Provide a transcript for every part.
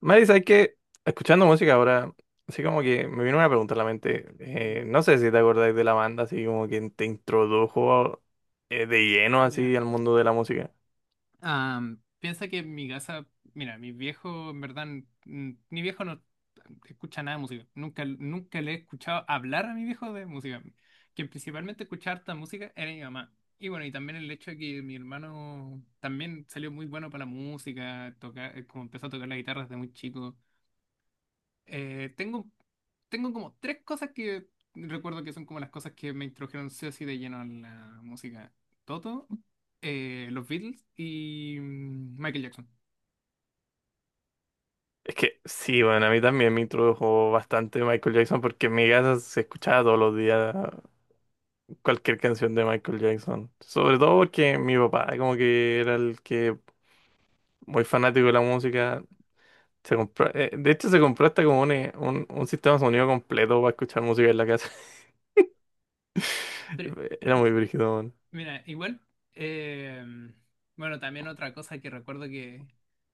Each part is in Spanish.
Maris, hay que, escuchando música ahora, así como que me vino una pregunta a la mente. No sé si te acordáis de la banda, así como que te introdujo de lleno así Mira, al mundo de la música. Piensa que en mi casa, mira, mi viejo, en verdad, mi viejo no escucha nada de música. Nunca, nunca le he escuchado hablar a mi viejo de música. Quien principalmente escuchaba harta música era mi mamá. Y bueno, y también el hecho de que mi hermano también salió muy bueno para la música, tocar, como empezó a tocar la guitarra desde muy chico. Eh, tengo, tengo como tres cosas que recuerdo que son como las cosas que me introdujeron sí o sí de lleno a la música. Toto, los Beatles y Michael Jackson. Es que sí, bueno, a mí también me introdujo bastante Michael Jackson porque en mi casa se escuchaba todos los días cualquier canción de Michael Jackson. Sobre todo porque mi papá como que era el que muy fanático de la música. Se compró, de hecho se compró hasta como un, un sistema de sonido completo para escuchar música en la casa. Pero, Era ok, muy brígido, weón. Mira, igual, eh, bueno, también otra cosa que recuerdo que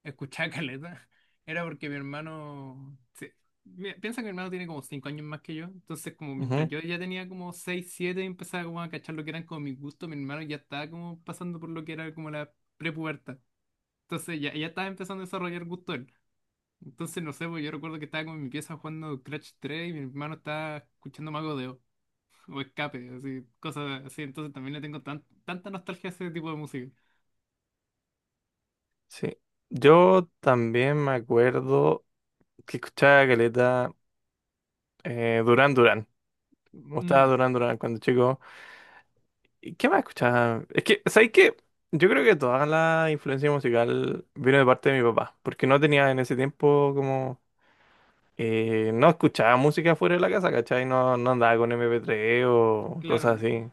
escuchaba caleta era porque mi hermano, sí, mira, piensa que mi hermano tiene como 5 años más que yo, entonces como mientras Ujú. yo ya tenía como 6 7 y empezaba como a cachar lo que eran como mis gustos, mi hermano ya estaba como pasando por lo que era como la prepubertad, entonces ya, ya estaba empezando a desarrollar gusto él. Entonces, no sé, pues yo recuerdo que estaba como en mi pieza jugando Crash 3 y mi hermano estaba escuchando Mago de Oz o escape, así, cosas así. Entonces también le tengo tanta nostalgia a ese tipo de música. Sí. Yo también me acuerdo que escuchaba caleta Durán Durán. Me gustaba Mm, Durán Durán cuando chico. ¿Y qué más escuchaba? Es que, ¿sabes qué? Yo creo que toda la influencia musical vino de parte de mi papá, porque no tenía en ese tiempo como, no escuchaba música fuera de la casa, ¿cachai? No, no andaba con MP3 o cosas claro, así.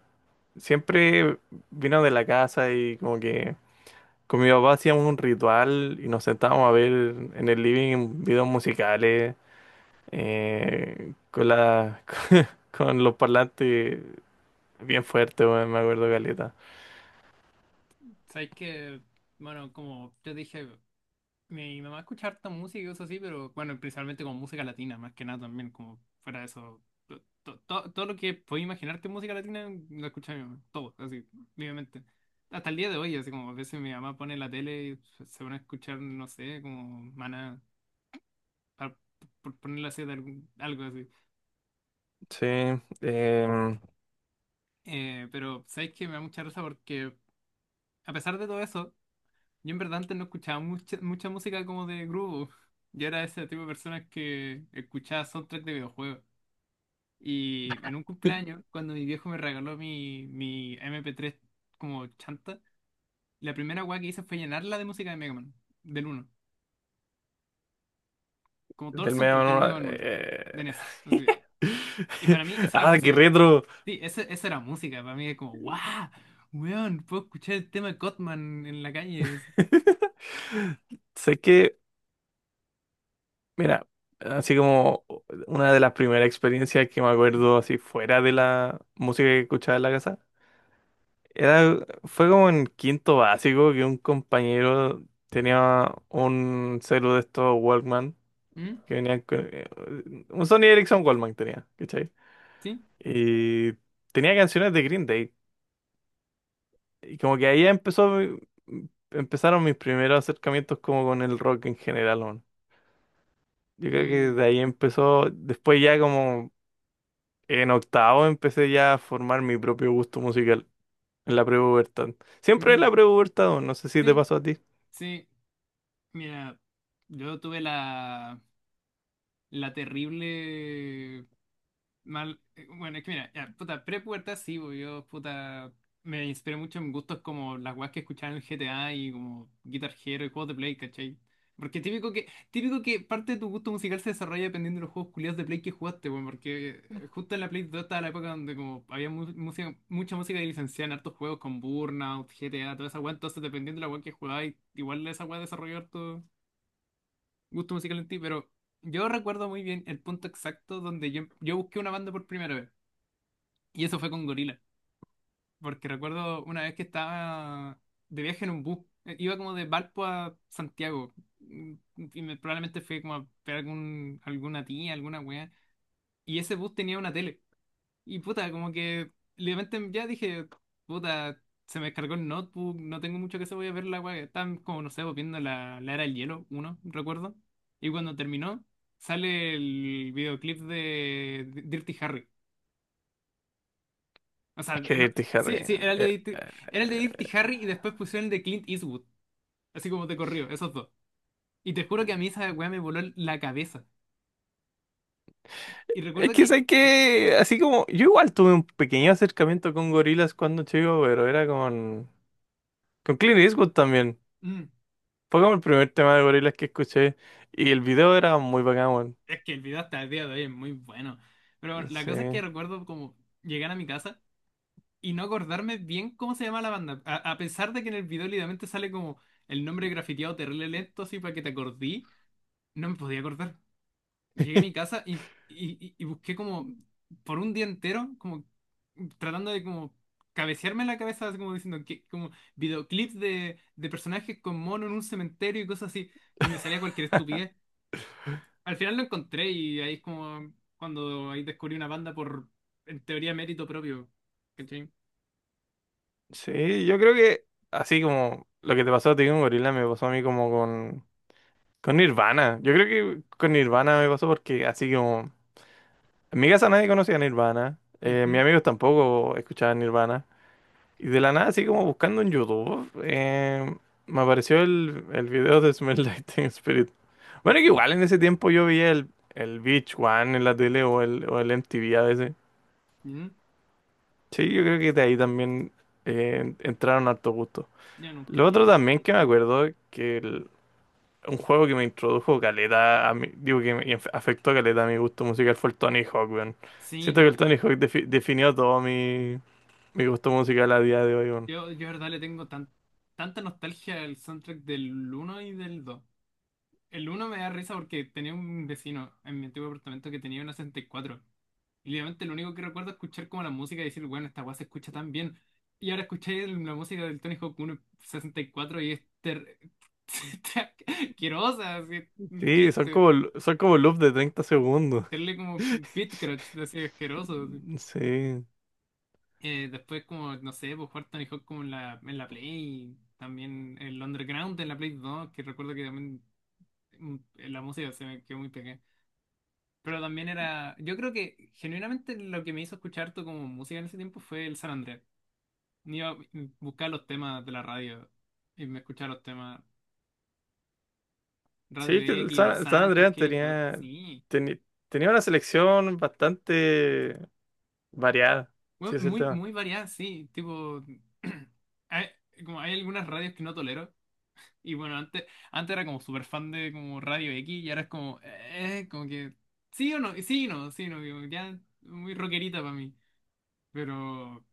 Siempre vino de la casa y como que con mi papá hacíamos un ritual y nos sentábamos a ver en el living videos musicales, eh, con la, con los parlantes bien fuertes, weón, me acuerdo caleta. sabes que, bueno, como yo dije, mi mamá escucha harta música y cosas así, pero bueno, principalmente como música latina, más que nada también, como fuera de eso. Todo lo que podía imaginarte en música latina lo escucha mi mamá, todo, así, libremente. Hasta el día de hoy, así como a veces mi mamá pone la tele y se pone a escuchar, no sé, como Maná, pa- por ponerle así de algo así. Sí, em, Pero sabéis que me da mucha risa porque, a pesar de todo eso, yo en verdad antes no escuchaba mucha música como de grupo. Yo era ese tipo de personas que escuchaba soundtrack de videojuegos. Y en un cumpleaños, cuando mi viejo me regaló mi mp tres como chanta, la primera weá que hice fue llenarla de música de Mega Man, del 1. Como todo el del medio soundtrack del no. Mega Man 1 de NES. Así. Y para mí, esa era Ah, qué música. retro. Sí, esa era música. Para mí es como, ¡guau! Weón, puedo escuchar el tema de Cotman en la calle. Sé que, mira, así como una de las primeras experiencias que me acuerdo así fuera de la música que escuchaba en la casa. Fue como en quinto básico que un compañero tenía un celu de estos Walkman ¿Mm? que venían con, un Sony Ericsson Walkman tenía, ¿cachai? ¿Sí? Y tenía canciones de Green Day. Y como que ahí empezó, empezaron mis primeros acercamientos como con el rock en general, weón. Yo creo que Mm, de ahí empezó, después ya como en octavo empecé ya a formar mi propio gusto musical en la prepubertad. Siempre en la mm, prepubertad, weón, no sé si te sí, pasó a ti. sí. Mira, yo tuve la terrible. Mal, bueno, es que mira, ya, puta, pre-pubertad sí, bo, yo, puta, me inspiré mucho en gustos como las weas que escuchaba en el GTA y como Guitar Hero y juegos de Play, ¿cachai? Porque típico que parte de tu gusto musical se desarrolla dependiendo de los juegos culiados de Play que jugaste, bueno, porque justo en la Play 2 estaba la época donde como había mucha música licenciada en hartos juegos con Burnout, GTA, toda esa wea, entonces dependiendo de la wea que jugabas, igual esa wea desarrolló harto gusto musical en ti, pero yo recuerdo muy bien el punto exacto donde yo busqué una banda por primera vez. Y eso fue con Gorila, porque recuerdo una vez que estaba de viaje en un bus, iba como de Valpo a Santiago, mm, y probablemente fui como a ver alguna tía, alguna wea, y ese bus tenía una tele, y puta, como que de repente ya dije, puta, se me descargó el notebook, no tengo mucho que hacer, voy a ver la wea, estaban como, no sé, pues, viendo la Era del Hielo, uno, recuerdo, y cuando terminó, sale el videoclip de Dirty Harry. O sea, Es que Dirty sí, Harry. sí, era el de, eh, Dirty- era el de Dirty eh, Harry y después pusieron el de Clint Eastwood, así como te corrió, esos dos. Y te juro que a mí esa weá me voló la cabeza. Y es recuerdo que que... sé que. Así como. Yo igual tuve un pequeño acercamiento con gorilas cuando chico, pero era con. Con Clint Eastwood también. mm, Fue como el primer tema de gorilas que escuché. Y el video era muy bacán, weón. es que el video hasta el día de hoy es muy bueno. Pero bueno, la cosa es que Sí. recuerdo como llegar a mi casa y no acordarme bien cómo se llama la banda. A pesar de que en el video literalmente sale como el nombre grafiteado terrible lento, así para que te acordí, no me podía acordar. Llegué a mi casa y, busqué como por un día entero, como tratando de como cabecearme la cabeza, así como diciendo que como videoclips de personajes con mono en un cementerio y cosas así, y me salía cualquier estupidez. Al final lo encontré y ahí es como cuando ahí descubrí una banda por, en teoría, mérito propio. ¿Cachai? Sí, yo creo que. Así como. Lo que te pasó a ti con gorila me pasó a mí como con. Con Nirvana. Yo creo que con Nirvana me pasó porque así como. En mi casa nadie conocía a Nirvana. Mis Ujú, amigos tampoco escuchaban Nirvana. Y de la nada, así como buscando en YouTube, me apareció el video de Smell Like Teen Spirit. mm, Bueno, que sí. igual en ese tiempo yo veía el Beach One en la tele o el MTV a veces. Ujú. Sí, yo creo que de ahí también entraron harto gusto. Yo nunca Lo vi el otro también MTV, que me chico. acuerdo es que un juego que me introdujo caleta, a mi, digo que me afectó caleta a mi gusto musical fue el Tony Hawk, weón. Sí, Siento que no. el Tony Hawk definió todo mi gusto musical a día de hoy. De verdad, le tengo tan, tanta nostalgia al soundtrack del uno y del 2. El uno me da risa porque tenía un vecino en mi antiguo apartamento que tenía una 64. Y cuatro. Y obviamente lo único que recuerdo es escuchar como la música y decir, bueno, esta weá se escucha tan bien. Y ahora escuché la música del Tony Hawk 1 en 64 y es ter... asquerosa, así, un Sí, son chiste. como, son como loops de 30 segundos. Tenerle como beat crunch, así, asqueroso, así. Sí. Después como, no sé, pues jugar Tony Hawk como en en la Play, también el Underground en la Play 2, que recuerdo que también mm, la música se me quedó muy pegada. Pero también era, yo creo que genuinamente lo que me hizo escuchar todo como música en ese tiempo fue el San Andrés. Iba a buscar los temas de la radio y me escuchaba los temas Radio Sí, que el X, Los San, el San Santos, Andreas que sí. teni- tenía una selección bastante variada, si Bueno, es el tema. muy variada, sí. Tipo, hay, como hay algunas radios que no tolero. Y bueno, antes era como súper fan de como Radio X y ahora es como, como que sí o no, sí y no, como ya muy rockerita para mí. Pero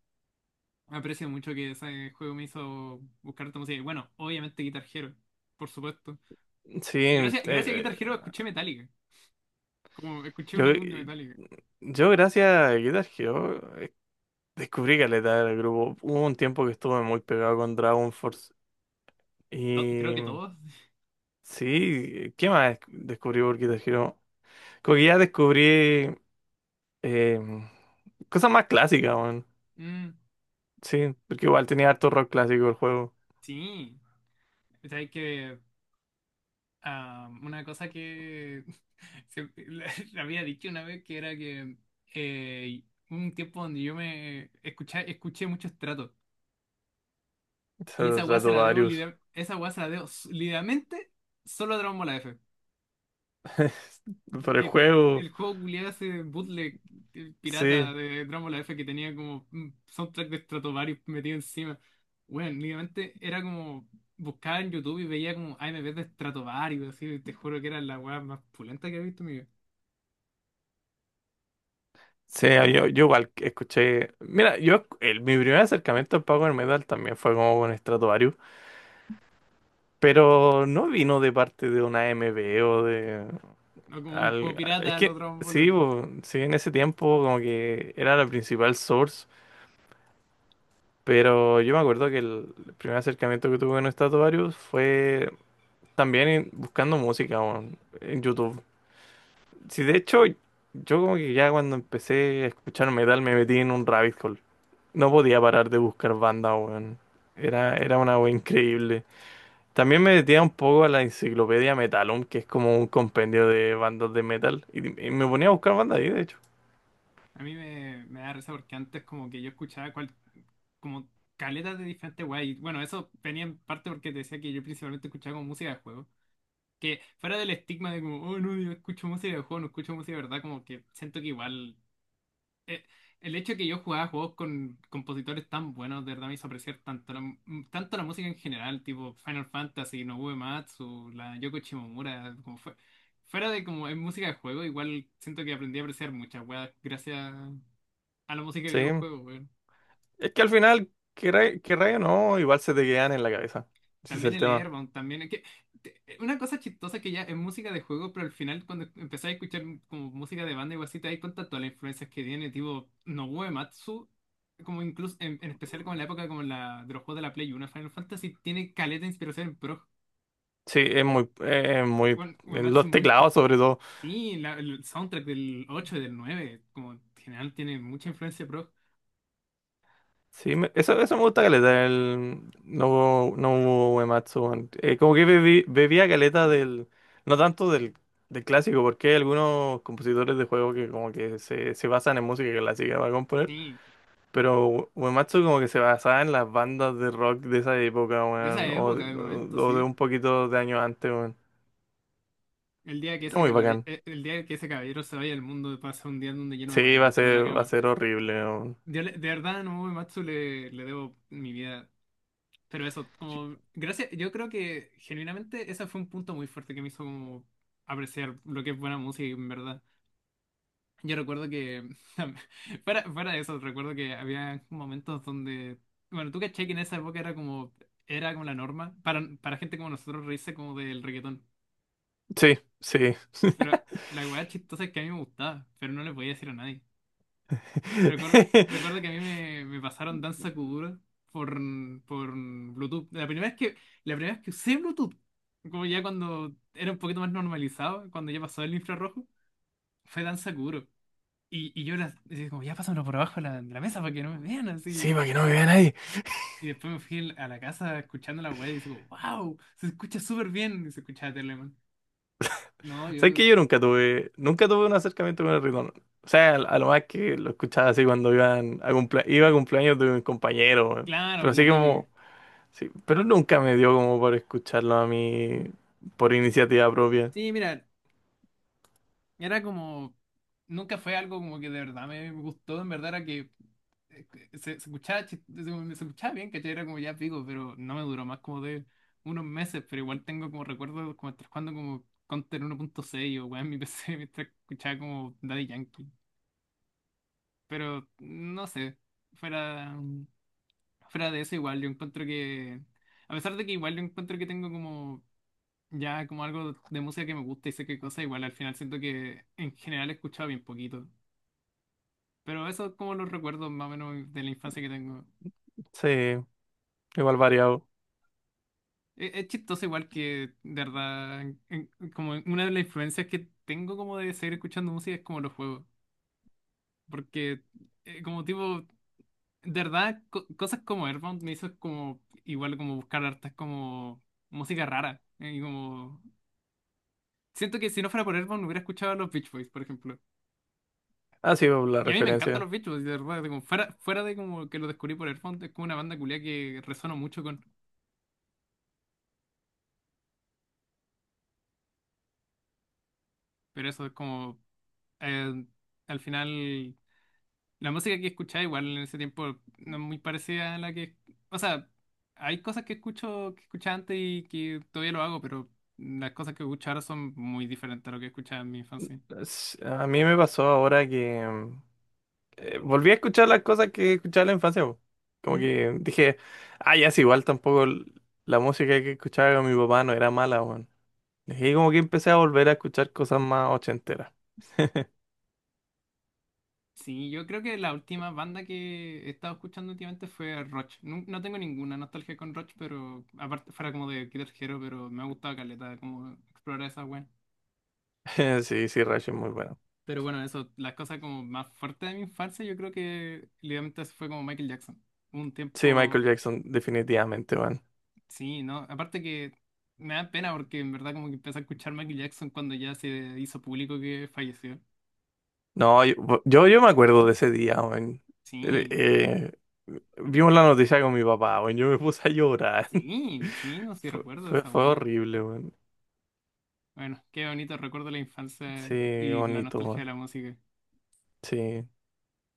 aprecio mucho que ese juego me hizo buscar esta música. Y bueno, obviamente Guitar Hero, por supuesto. Sí, Gracias a Guitar Hero escuché Metallica. Como escuché un yo, álbum de eh, Metallica. yo gracias a Guitar Hero descubrí caleta del grupo. Hubo un tiempo que estuve muy pegado con Dragon Force. Creo Y que todos. sí, ¿qué más descubrí por Guitar Hero? Como que ya descubrí eh, mm, cosas más clásicas, weón. Mm, Sí, porque igual tenía harto rock clásico el juego. sí. Sabes que ah, una cosa que se- le había dicho una vez que era que eh, hubo un tiempo donde yo escuché mucho Stratos. Y Se esa weá se trató la debo, varios. lide- esa weá se la debo literalmente solo a Dragon Ball F. Por el Que juego, el juego culiado ese bootleg, el pirata sí. de Drácula F, que tenía como un soundtrack de Stratovarius metido encima. Bueno, únicamente era como buscaba en YouTube y veía como a M AMVs de Stratovarius, así, te juro que era la weá más pulenta que he visto en mi vida. Sí, ah, yo igual escuché. Mira, yo mi primer acercamiento al power metal también fue como con Stratovarius, pero no vino de parte de una A M AMB o de No como un juego es pirata los que Dragon sí, Ball. bo, sí, en ese tiempo como que era la principal source, pero yo me acuerdo que el primer acercamiento que tuve con Stratovarius fue también buscando música bo, en YouTube. Sí, de hecho, yo como que ya cuando empecé a escuchar metal me metí en un rabbit hole. No podía parar de buscar bandas, weón. Era una wea increíble. También me metía un poco a la enciclopedia Metalum, que es como un compendio de bandas de metal. Y me ponía a buscar bandas ahí, de hecho. A me da risa porque antes como que yo escuchaba cual, como caletas de diferentes weas. Y bueno, eso venía en parte porque te decía que yo principalmente escuchaba como música de juego. Que fuera del estigma de como, oh, no, yo escucho música de juego, no escucho música de verdad, como que siento que igual. eh, el hecho de que yo jugaba juegos con compositores tan buenos, de verdad me hizo apreciar tanto tanto la música en general, tipo Final Fantasy, Nobuo Uematsu, la Yoko Shimomura, como fue. Fuera de como es música de juego, igual siento que aprendí a apreciar muchas weas gracias a la música de Sí. videojuegos. Es que al final, querrá o no, igual se te quedan en la cabeza. Ese es También el el tema. Airbound, también. Es que, una cosa chistosa que ya es música de juego, pero al final cuando empecé a escuchar como música de banda y así, te das cuenta todas las influencias que tiene, tipo Nobuo Matsu como incluso, en especial como en la época como de los juegos de la Play 1, Final Fantasy tiene caleta de inspiración en pro. Sí, es muy Bueno, en Uematsu los es muy pro. teclados, sobre todo. Sí, el soundtrack del 8 y del 9 como en general tiene mucha influencia pro. Sí, eso me gusta caleta, el no no Uematsu, weón. Como que bebía caleta no tanto del clásico, porque hay algunos compositores de juegos que como que se basan en música clásica para componer, Sí, pero Uematsu como que se basaba en las bandas de rock de esa época, de esa weón, o, de época, del momento, o de sí. un poquito de años antes, weón. El día que Era ese muy caballero, bacán. el día que ese caballero se vaya al mundo pasa un día donde yo no me voy a Sí, va a levantar de la ser, va a cama. ser horrible, weón. Yo de verdad, no Matsu le debo mi vida. Pero eso, como, gracias, yo creo que genuinamente ese fue un punto muy fuerte que me hizo como apreciar lo que es buena música, en verdad. Yo recuerdo que, fuera de eso, recuerdo que había momentos donde, bueno, tú caché que en esa época era como la norma para gente como nosotros reírse como del reggaetón. Sí, sí. Pero la weá chistosa es que a mí me gustaba, pero no le podía decir a nadie. Recuerdo, recuerdo que a me pasaron Danza Kuduro por, por Bluetooth. La primera vez que usé Bluetooth, como ya cuando era un poquito más normalizado, cuando ya pasó el infrarrojo, fue Danza Kuduro. Y yo las, decía como, ya pásamelo por abajo de de la mesa para que no me vean así. Sí, para que no me vean ahí. Y después me fui a la casa escuchando la web y digo, wow, se escucha súper bien. Y se escuchaba Telemann. No, ¿Sabes yo, que yo nunca tuve un acercamiento con el reggaetón? O sea, a lo más que lo escuchaba así cuando iba a cumpleaños de un compañero, weón. claro, Pero la así típica. como, sí, pero nunca me dio como por escucharlo a mí por iniciativa propia. Sí, mira, era como, nunca fue algo como que de verdad me gustó, en verdad era que eh, se escuchaba, se escuchaba bien, ¿cachai? Era como ya pico, pero no me duró más como de unos meses, pero igual tengo como recuerdos como estar jugando como Counter 1.6 o weá en mi PC mientras escuchaba como Daddy Yankee. Pero no sé, fuera, fuera de eso igual yo encuentro que, a pesar de que igual yo encuentro que tengo como ya como algo de música que me gusta y sé qué cosa, igual al final siento que en general he escuchado bien poquito. Pero eso es como los recuerdos más o menos de la infancia que tengo. Sí, igual variado. Es chistoso igual que, de verdad, como una de las influencias que tengo como de seguir escuchando música es como los juegos. Porque eh, como tipo, de verdad, cosas como Earthbound me hizo como igual como buscar hartas como música rara. Y como... siento que si no fuera por Earthbound hubiera escuchado a los Beach Boys, por ejemplo. Ha sido la Y a mí me encantan referencia. los Beach Boys, de verdad. Como fuera de como que lo descubrí por Earthbound, es como una banda culia que resono mucho con. Pero eso es como... eh, al final, la música que escuchaba igual en ese tiempo no es muy parecida a la que... O sea, hay cosas que escucho, que escuchaba antes y que todavía lo hago, pero las cosas que escucho ahora son muy diferentes a lo que escuchaba en mi infancia. A mí me pasó ahora que volví a escuchar las cosas que escuchaba en la infancia, po. Como ¿Mm? que dije, ah, ya es igual tampoco la música que escuchaba con mi papá no era mala. Y como que empecé a volver a escuchar cosas más ochenteras. Sí, yo creo que la última banda que he estado escuchando últimamente fue Roch. No, no tengo ninguna nostalgia con Roch, pero aparte fuera como de Guitar Hero, pero me ha gustado caleta como explorar esa wea. Sí, sí, Rush es muy bueno. Pero bueno, eso, las cosas como más fuertes de mi infancia, yo creo que literalmente eso fue como Michael Jackson. Un Sí, tiempo, Michael Jackson, definitivamente, man. sí, ¿no? Aparte que me da pena porque en verdad como que empecé a escuchar Michael Jackson cuando ya se hizo público que falleció. No, yo me acuerdo de ese día, man. El- Sí, eh, Vimos la noticia con mi papá, man. Yo me puse a llorar. Sí, no sé si Fue, recuerdo fue, esa fue wea. horrible, man. Bueno, qué bonito recuerdo la infancia Sí, y la bonito, nostalgia de man. la música. Sí.